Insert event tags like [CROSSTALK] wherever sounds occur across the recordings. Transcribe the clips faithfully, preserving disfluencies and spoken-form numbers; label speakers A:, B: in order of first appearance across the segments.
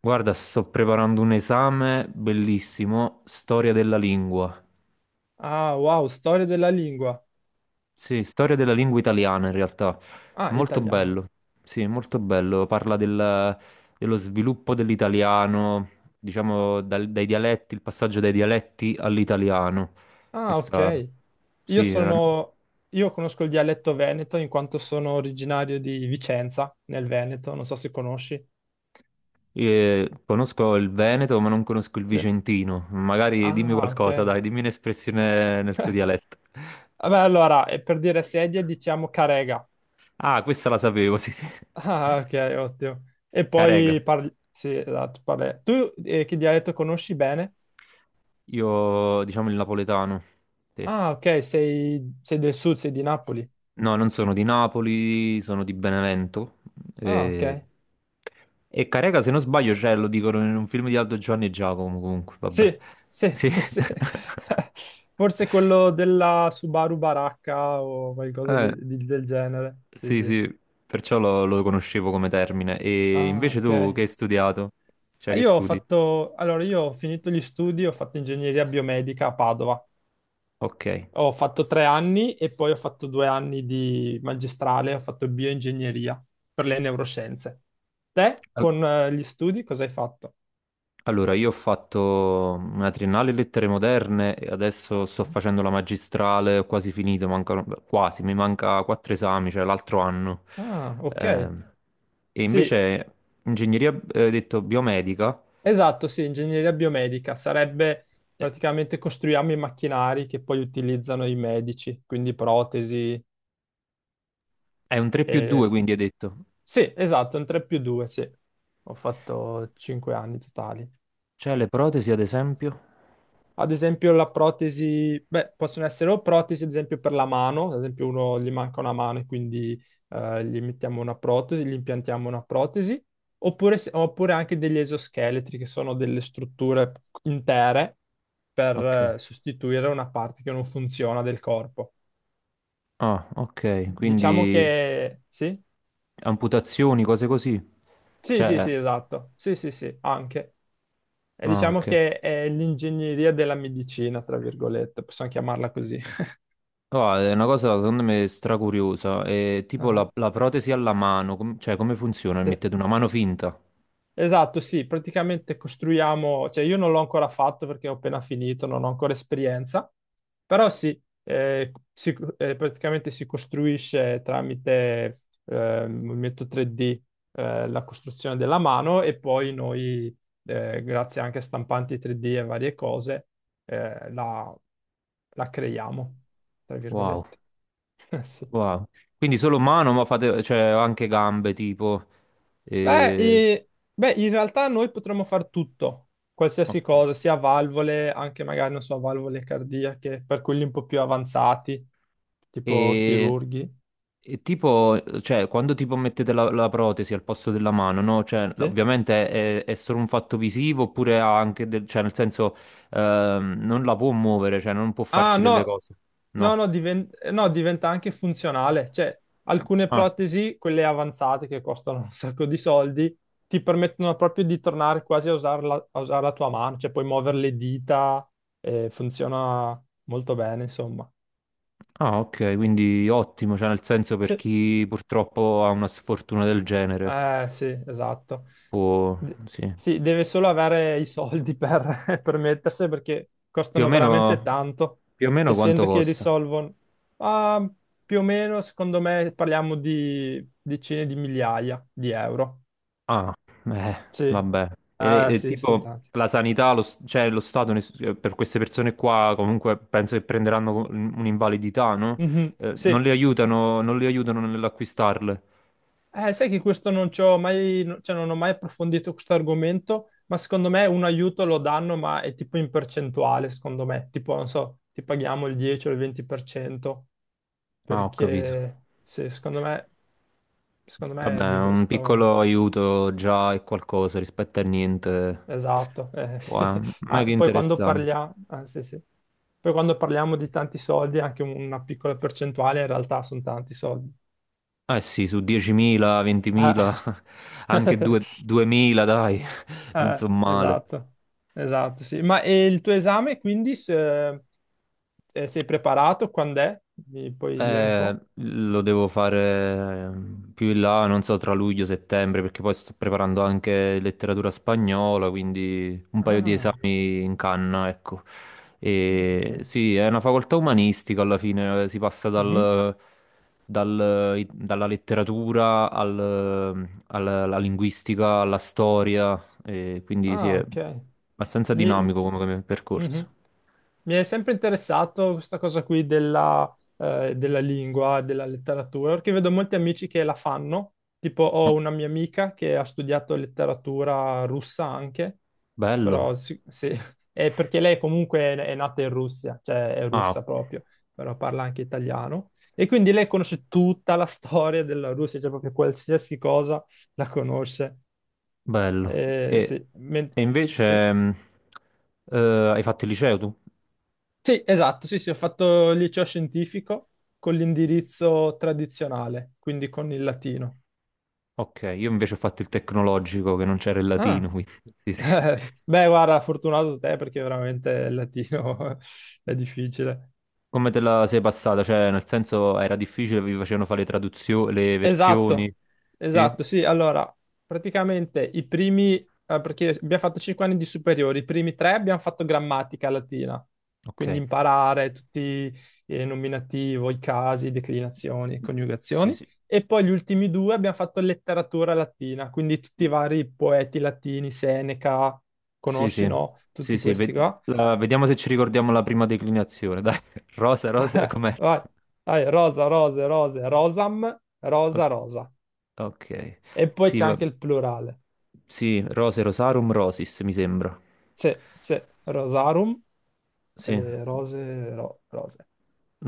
A: Guarda, sto preparando un esame bellissimo, storia della lingua.
B: Ah, wow, storia della lingua.
A: Sì, storia della lingua italiana in realtà.
B: Ah,
A: Molto
B: italiana.
A: bello, sì, molto bello. Parla del- dello sviluppo dell'italiano, diciamo dal- dai dialetti, il passaggio dai dialetti all'italiano.
B: Ah,
A: Questa,
B: ok. Io
A: sì, eh,
B: sono... Io conosco il dialetto veneto in quanto sono originario di Vicenza, nel Veneto. Non so se conosci.
A: eh, conosco il Veneto, ma non conosco il
B: Sì.
A: Vicentino. Magari dimmi
B: Ah, ok.
A: qualcosa, dai, dimmi un'espressione nel tuo
B: [LAUGHS]
A: dialetto.
B: Vabbè, allora, e per dire sedia diciamo carega. [LAUGHS]
A: Ah, questa la sapevo, sì, sì.
B: Ah, ok, ottimo. E
A: Carega.
B: poi parli... Sì, esatto, parli... tu, eh, che dialetto conosci bene?
A: Io, diciamo, il napoletano. Sì.
B: Ah, ok, sei, sei del sud, sei di Napoli.
A: No, non sono di Napoli, sono di Benevento.
B: Ah, ok.
A: E, e Carega, se non sbaglio, cioè, lo dicono in un film di Aldo Giovanni e Giacomo, comunque, vabbè.
B: Sì, sì,
A: Sì.
B: sì, sì. [LAUGHS]
A: [LAUGHS]
B: Forse quello della Subaru Baracca o qualcosa
A: Eh,
B: di- di- del genere. Sì,
A: sì,
B: sì.
A: sì, perciò lo, lo conoscevo come termine. E
B: Ah,
A: invece
B: ok.
A: tu che hai studiato? Cioè,
B: Eh,
A: che
B: Io ho
A: studi?
B: fatto, allora io ho finito gli studi, ho fatto ingegneria biomedica a Padova.
A: Ok.
B: Ho fatto tre anni e poi ho fatto due anni di magistrale, ho fatto bioingegneria per le neuroscienze. Te con eh, gli studi cosa hai fatto?
A: Allora, io ho fatto una triennale in lettere moderne e adesso sto
B: Eh?
A: facendo la magistrale, ho quasi finito, mancano, beh, quasi, mi manca quattro esami, cioè l'altro anno.
B: Ah, ok.
A: Ehm, e
B: Sì,
A: invece ingegneria, eh, hai detto, biomedica,
B: esatto, sì, ingegneria biomedica sarebbe
A: eh,
B: praticamente costruiamo i macchinari che poi utilizzano i medici, quindi protesi
A: è un tre più due,
B: e...
A: quindi hai detto.
B: Sì, esatto, un tre più due, sì. Ho fatto cinque anni totali.
A: Cioè le protesi, ad esempio?
B: Ad esempio la protesi, beh, possono essere o protesi, ad esempio per la mano, ad esempio uno gli manca una mano e quindi eh, gli mettiamo una protesi, gli impiantiamo una protesi, oppure, se- oppure anche degli esoscheletri che sono delle strutture intere
A: Ok.
B: per eh, sostituire una parte che non funziona del corpo.
A: Ah, ok,
B: Diciamo
A: quindi
B: che sì,
A: amputazioni, cose così.
B: sì, sì,
A: Cioè,
B: sì, esatto, sì, sì, sì, anche. E
A: ah,
B: diciamo
A: ok.
B: che è l'ingegneria della medicina, tra virgolette, possiamo chiamarla così. [LAUGHS]
A: Oh, è una cosa secondo me stracuriosa, è tipo la,
B: Ah,
A: la protesi alla mano, com- cioè come funziona?
B: sì.
A: Mettete una mano finta?
B: Esatto, sì, praticamente costruiamo, cioè io non l'ho ancora fatto perché ho appena finito, non ho ancora esperienza, però sì, eh, si- eh, praticamente si costruisce tramite eh, movimento tre D eh, la costruzione della mano e poi noi, eh, grazie anche a stampanti tre D e varie cose, eh, la, la creiamo, tra
A: Wow,
B: virgolette. [LAUGHS] Sì.
A: wow. Quindi solo mano, ma fate, cioè anche gambe tipo...
B: Beh,
A: E,
B: e- beh, in realtà noi potremmo fare tutto, qualsiasi
A: ok.
B: cosa, sia valvole, anche magari, non so, valvole cardiache, per quelli un po' più avanzati, tipo
A: E-
B: chirurghi.
A: e tipo, cioè quando tipo mettete la, la protesi al posto della mano, no? Cioè no,
B: Sì.
A: ovviamente è, è solo un fatto visivo oppure ha anche, del, cioè nel senso ehm, non la può muovere, cioè non può
B: Ah,
A: farci delle
B: no,
A: cose,
B: no,
A: no?
B: no, diven- no, diventa anche funzionale. Cioè, alcune
A: Ah.
B: protesi, quelle avanzate che costano [LAUGHS] un sacco di soldi, ti permettono proprio di tornare quasi a usare la, a usare la tua mano, cioè puoi muovere le dita, eh, funziona molto bene, insomma.
A: Ah, ok, quindi ottimo, cioè nel senso per
B: Sì.
A: chi purtroppo ha una sfortuna del genere
B: Eh sì, esatto.
A: può,
B: De-
A: sì.
B: sì, deve solo avere i soldi per [LAUGHS] permettersi perché
A: Più o
B: costano veramente
A: meno,
B: tanto,
A: più o meno quanto
B: essendo che
A: costa?
B: risolvono, ah, più o meno, secondo me, parliamo di decine di migliaia di euro.
A: Ah, eh,
B: Sì,
A: vabbè. E, le-
B: ah,
A: e
B: sì, sono
A: tipo
B: tanti.
A: la sanità, lo, s- cioè lo Stato ne- eh, per queste persone qua comunque penso che prenderanno co- un'invalidità, no?
B: Mhm,
A: Eh, non
B: sì.
A: le aiutano, non le aiutano nell'acquistarle.
B: Eh, sai che questo non ci ho mai, no- cioè non ho mai approfondito questo argomento, ma secondo me un aiuto lo danno, ma è tipo in percentuale, secondo me, tipo, non so, ti paghiamo il dieci o il venti per cento.
A: Ah, ho capito.
B: Perché sì, secondo me, secondo me
A: Vabbè,
B: è di
A: un
B: questo
A: piccolo aiuto già è qualcosa rispetto a niente.
B: esatto. Eh, [LAUGHS] sì.
A: Wow, mega
B: Ah, poi quando
A: interessante.
B: parliamo, ah, sì, sì. Poi quando parliamo di tanti soldi, anche un- una piccola percentuale in realtà sono tanti soldi.
A: Eh sì, su diecimila,
B: Ah,
A: ventimila, [LAUGHS] anche due-
B: [LAUGHS]
A: duemila, dai, [LAUGHS] non so
B: eh,
A: male.
B: esatto, esatto, sì. Ma e il tuo esame quindi se- eh, sei preparato? Quando è? Mi puoi dire un
A: Eh,
B: po'?
A: lo devo fare eh, più in là, non so, tra luglio e settembre, perché poi sto preparando anche letteratura spagnola, quindi un paio di
B: Ah,
A: esami in canna, ecco.
B: ok.
A: E sì, è una facoltà umanistica alla fine, eh, si passa
B: Mhm.
A: dal- dal- i- dalla letteratura al- alla, alla linguistica, alla storia, e quindi sì,
B: Ah,
A: è
B: ok.
A: abbastanza
B: Mi,
A: dinamico come come percorso.
B: mhm. Mi è sempre interessato questa cosa qui della, eh, della lingua, della letteratura, perché vedo molti amici che la fanno. Tipo, ho
A: No,
B: una mia amica che ha studiato letteratura russa anche,
A: bello.
B: però sì, sì, [LAUGHS] è perché lei comunque è nata in Russia, cioè è
A: Ah,
B: russa proprio, però parla anche italiano. E quindi lei conosce tutta la storia della Russia, cioè proprio qualsiasi cosa la conosce.
A: bello.
B: Eh,
A: E,
B: sì. men-
A: e
B: sì.
A: invece mh, eh, hai fatto il liceo tu?
B: Sì, esatto, sì, sì, ho fatto il liceo scientifico con l'indirizzo tradizionale, quindi con il latino.
A: Ok, io invece ho fatto il tecnologico che non c'era il
B: Ah,
A: latino, quindi [LAUGHS] sì, sì.
B: [LAUGHS] beh, guarda, fortunato te perché veramente il latino [LAUGHS] è difficile.
A: Come te la sei passata? Cioè, nel senso era difficile, vi facevano fare le traduzioni, le versioni?
B: Esatto,
A: Sì?
B: esatto, sì, allora, praticamente i primi, eh, perché abbiamo fatto cinque anni di superiori, i primi tre abbiamo fatto grammatica latina,
A: Ok.
B: quindi imparare tutti i nominativo, i casi, declinazioni,
A: Sì,
B: coniugazioni,
A: sì.
B: e poi gli ultimi due abbiamo fatto letteratura latina, quindi tutti i vari poeti latini, Seneca,
A: Sì,
B: conosci,
A: sì.
B: no?
A: Sì,
B: Tutti
A: sì,
B: questi
A: ve-
B: qua.
A: la- vediamo se ci ricordiamo la prima declinazione. Dai, [LAUGHS] rosa, rosa,
B: [LAUGHS]
A: com'è?
B: Vai, vai, rosa, rose, rose, rosam, rosa,
A: Ok.
B: rosa.
A: Ok.
B: E poi
A: Sì,
B: c'è
A: va.
B: anche il plurale.
A: Sì, Rose Rosarum Rosis, mi sembra.
B: Sì, sì, Rosarum,
A: Sì,
B: eh, rose, ro- rose.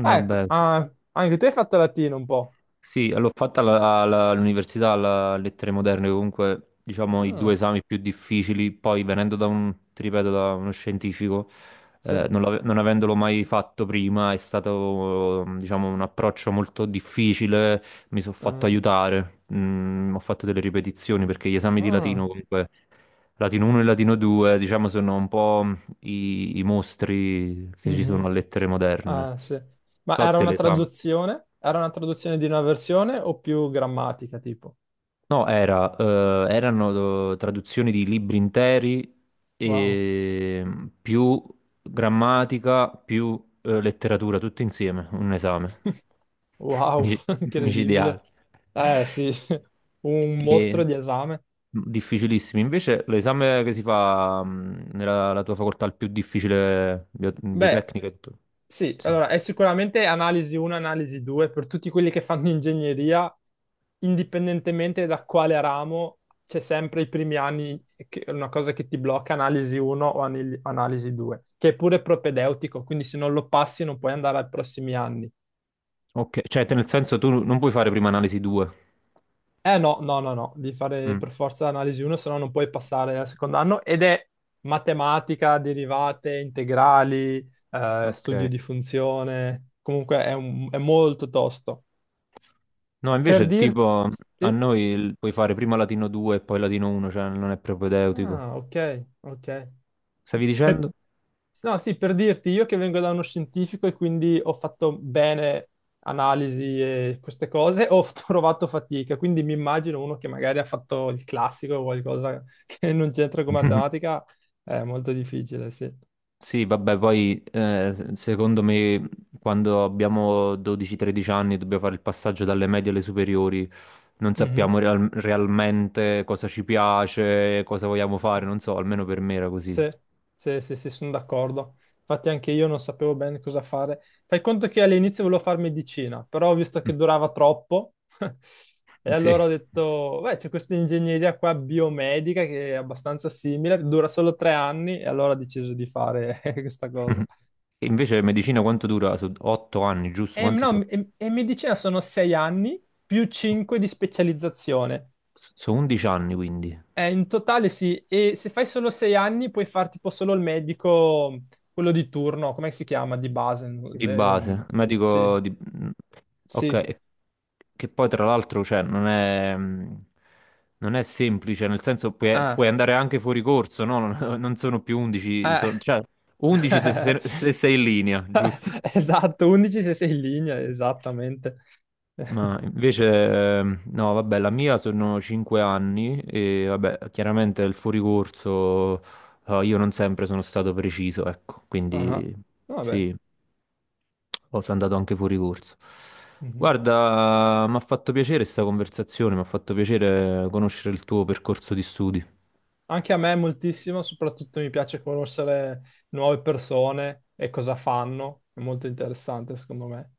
B: Ah, ecco, ah, anche te hai fatto latino un po'.
A: Sì, l'ho fatta alla- alla- all'università, alla Lettere Moderne, comunque diciamo i due
B: Ah,
A: esami più difficili, poi venendo da un, ti ripeto, da uno scientifico,
B: sì.
A: eh, non, l'ave- non avendolo mai fatto prima, è stato diciamo un approccio molto difficile, mi sono fatto
B: Ah,
A: aiutare, mm, ho fatto delle ripetizioni perché gli esami di
B: ah,
A: latino comunque, latino uno e latino due, diciamo sono un po' i, i mostri che ci sono a
B: mhm.
A: Lettere Moderne.
B: Ah, sì. Ma
A: So
B: era
A: te
B: una
A: l'esame.
B: traduzione? Era una traduzione di una versione o più grammatica, tipo?
A: No, era, eh, erano eh, traduzioni di libri interi
B: Wow.
A: e mm, più grammatica, più eh, letteratura, tutto insieme, un esame
B: [LAUGHS]
A: [LAUGHS]
B: Wow,
A: Mi-
B: [LAUGHS] incredibile.
A: micidiale.
B: Eh sì, [LAUGHS] un
A: E
B: mostro di esame.
A: mm, difficilissimi. Invece l'esame che si fa mm, nella la tua facoltà è il più difficile, bio-
B: Beh,
A: biotecnica, e tutto.
B: sì,
A: Sì.
B: allora è sicuramente analisi uno, analisi due per tutti quelli che fanno ingegneria, indipendentemente da quale ramo, c'è sempre i primi anni che è una cosa che ti blocca analisi uno o anali- analisi due, che è pure propedeutico, quindi se non lo passi non puoi andare ai prossimi anni.
A: Ok, cioè te- nel senso tu non puoi fare prima analisi due.
B: Eh no, no, no, no, devi fare
A: Mm,
B: per forza analisi uno, se no non puoi passare al secondo anno ed è matematica, derivate, integrali, eh, studio
A: ok.
B: di funzione, comunque è un- è molto tosto.
A: No,
B: Per
A: invece
B: dirti...
A: tipo a noi il- puoi fare prima latino due e poi latino uno, cioè non è propedeutico.
B: Ah, ok, ok.
A: Stavi
B: Per-
A: dicendo?
B: No, sì, per dirti, io che vengo da uno scientifico e quindi ho fatto bene analisi e queste cose, ho [LAUGHS] trovato fatica, quindi mi immagino uno che magari ha fatto il classico o qualcosa [LAUGHS] che non c'entra con
A: [LAUGHS]
B: matematica, è molto difficile, sì.
A: Sì, vabbè, poi eh, se- secondo me quando abbiamo dodici o tredici anni e dobbiamo fare il passaggio dalle medie alle superiori, non sappiamo
B: Mhm,
A: real- realmente cosa ci piace, cosa vogliamo
B: sì.
A: fare, non so, almeno per me era così.
B: Sì, sì, sì, sì, sono d'accordo. Infatti anche io non sapevo bene cosa fare. Fai conto che all'inizio volevo fare medicina, però ho visto che
A: [LAUGHS]
B: durava troppo [LAUGHS] e
A: Sì.
B: allora ho detto, beh, c'è questa ingegneria qua biomedica che è abbastanza simile, dura solo tre anni e allora ho deciso di fare [LAUGHS] questa cosa.
A: [LAUGHS] E invece medicina quanto dura? Sono otto anni, giusto?
B: E,
A: Quanti sono?
B: no, e, e medicina sono sei anni più cinque di specializzazione.
A: Sono undici anni, quindi.
B: Eh, in totale sì, e se fai solo sei anni puoi fare tipo solo il medico, quello di turno, come si chiama? Di base.
A: Di base,
B: Ehm,
A: ma
B: sì,
A: dico, di- ok,
B: sì.
A: e- che poi tra l'altro cioè, non è, mh, non è semplice, nel senso puoi, puoi
B: Ah,
A: andare anche fuori corso, no? Non, [LAUGHS] non sono più undici,
B: eh.
A: so- cioè undici se, se-
B: [LAUGHS]
A: se sei in linea, giusto?
B: Esatto, undici se sei in linea, esattamente.
A: Ma
B: [LAUGHS]
A: invece, ehm, no, vabbè, la mia sono cinque anni e vabbè, chiaramente il fuoricorso, eh, io non sempre sono stato preciso, ecco,
B: Ah,
A: quindi
B: vabbè.
A: sì. Oh, sono andato anche fuori corso.
B: Mhm.
A: Guarda, mi ha fatto piacere questa conversazione, mi ha fatto piacere conoscere il tuo percorso di studi.
B: Anche a me moltissimo, soprattutto mi piace conoscere nuove persone e cosa fanno, è molto interessante secondo me.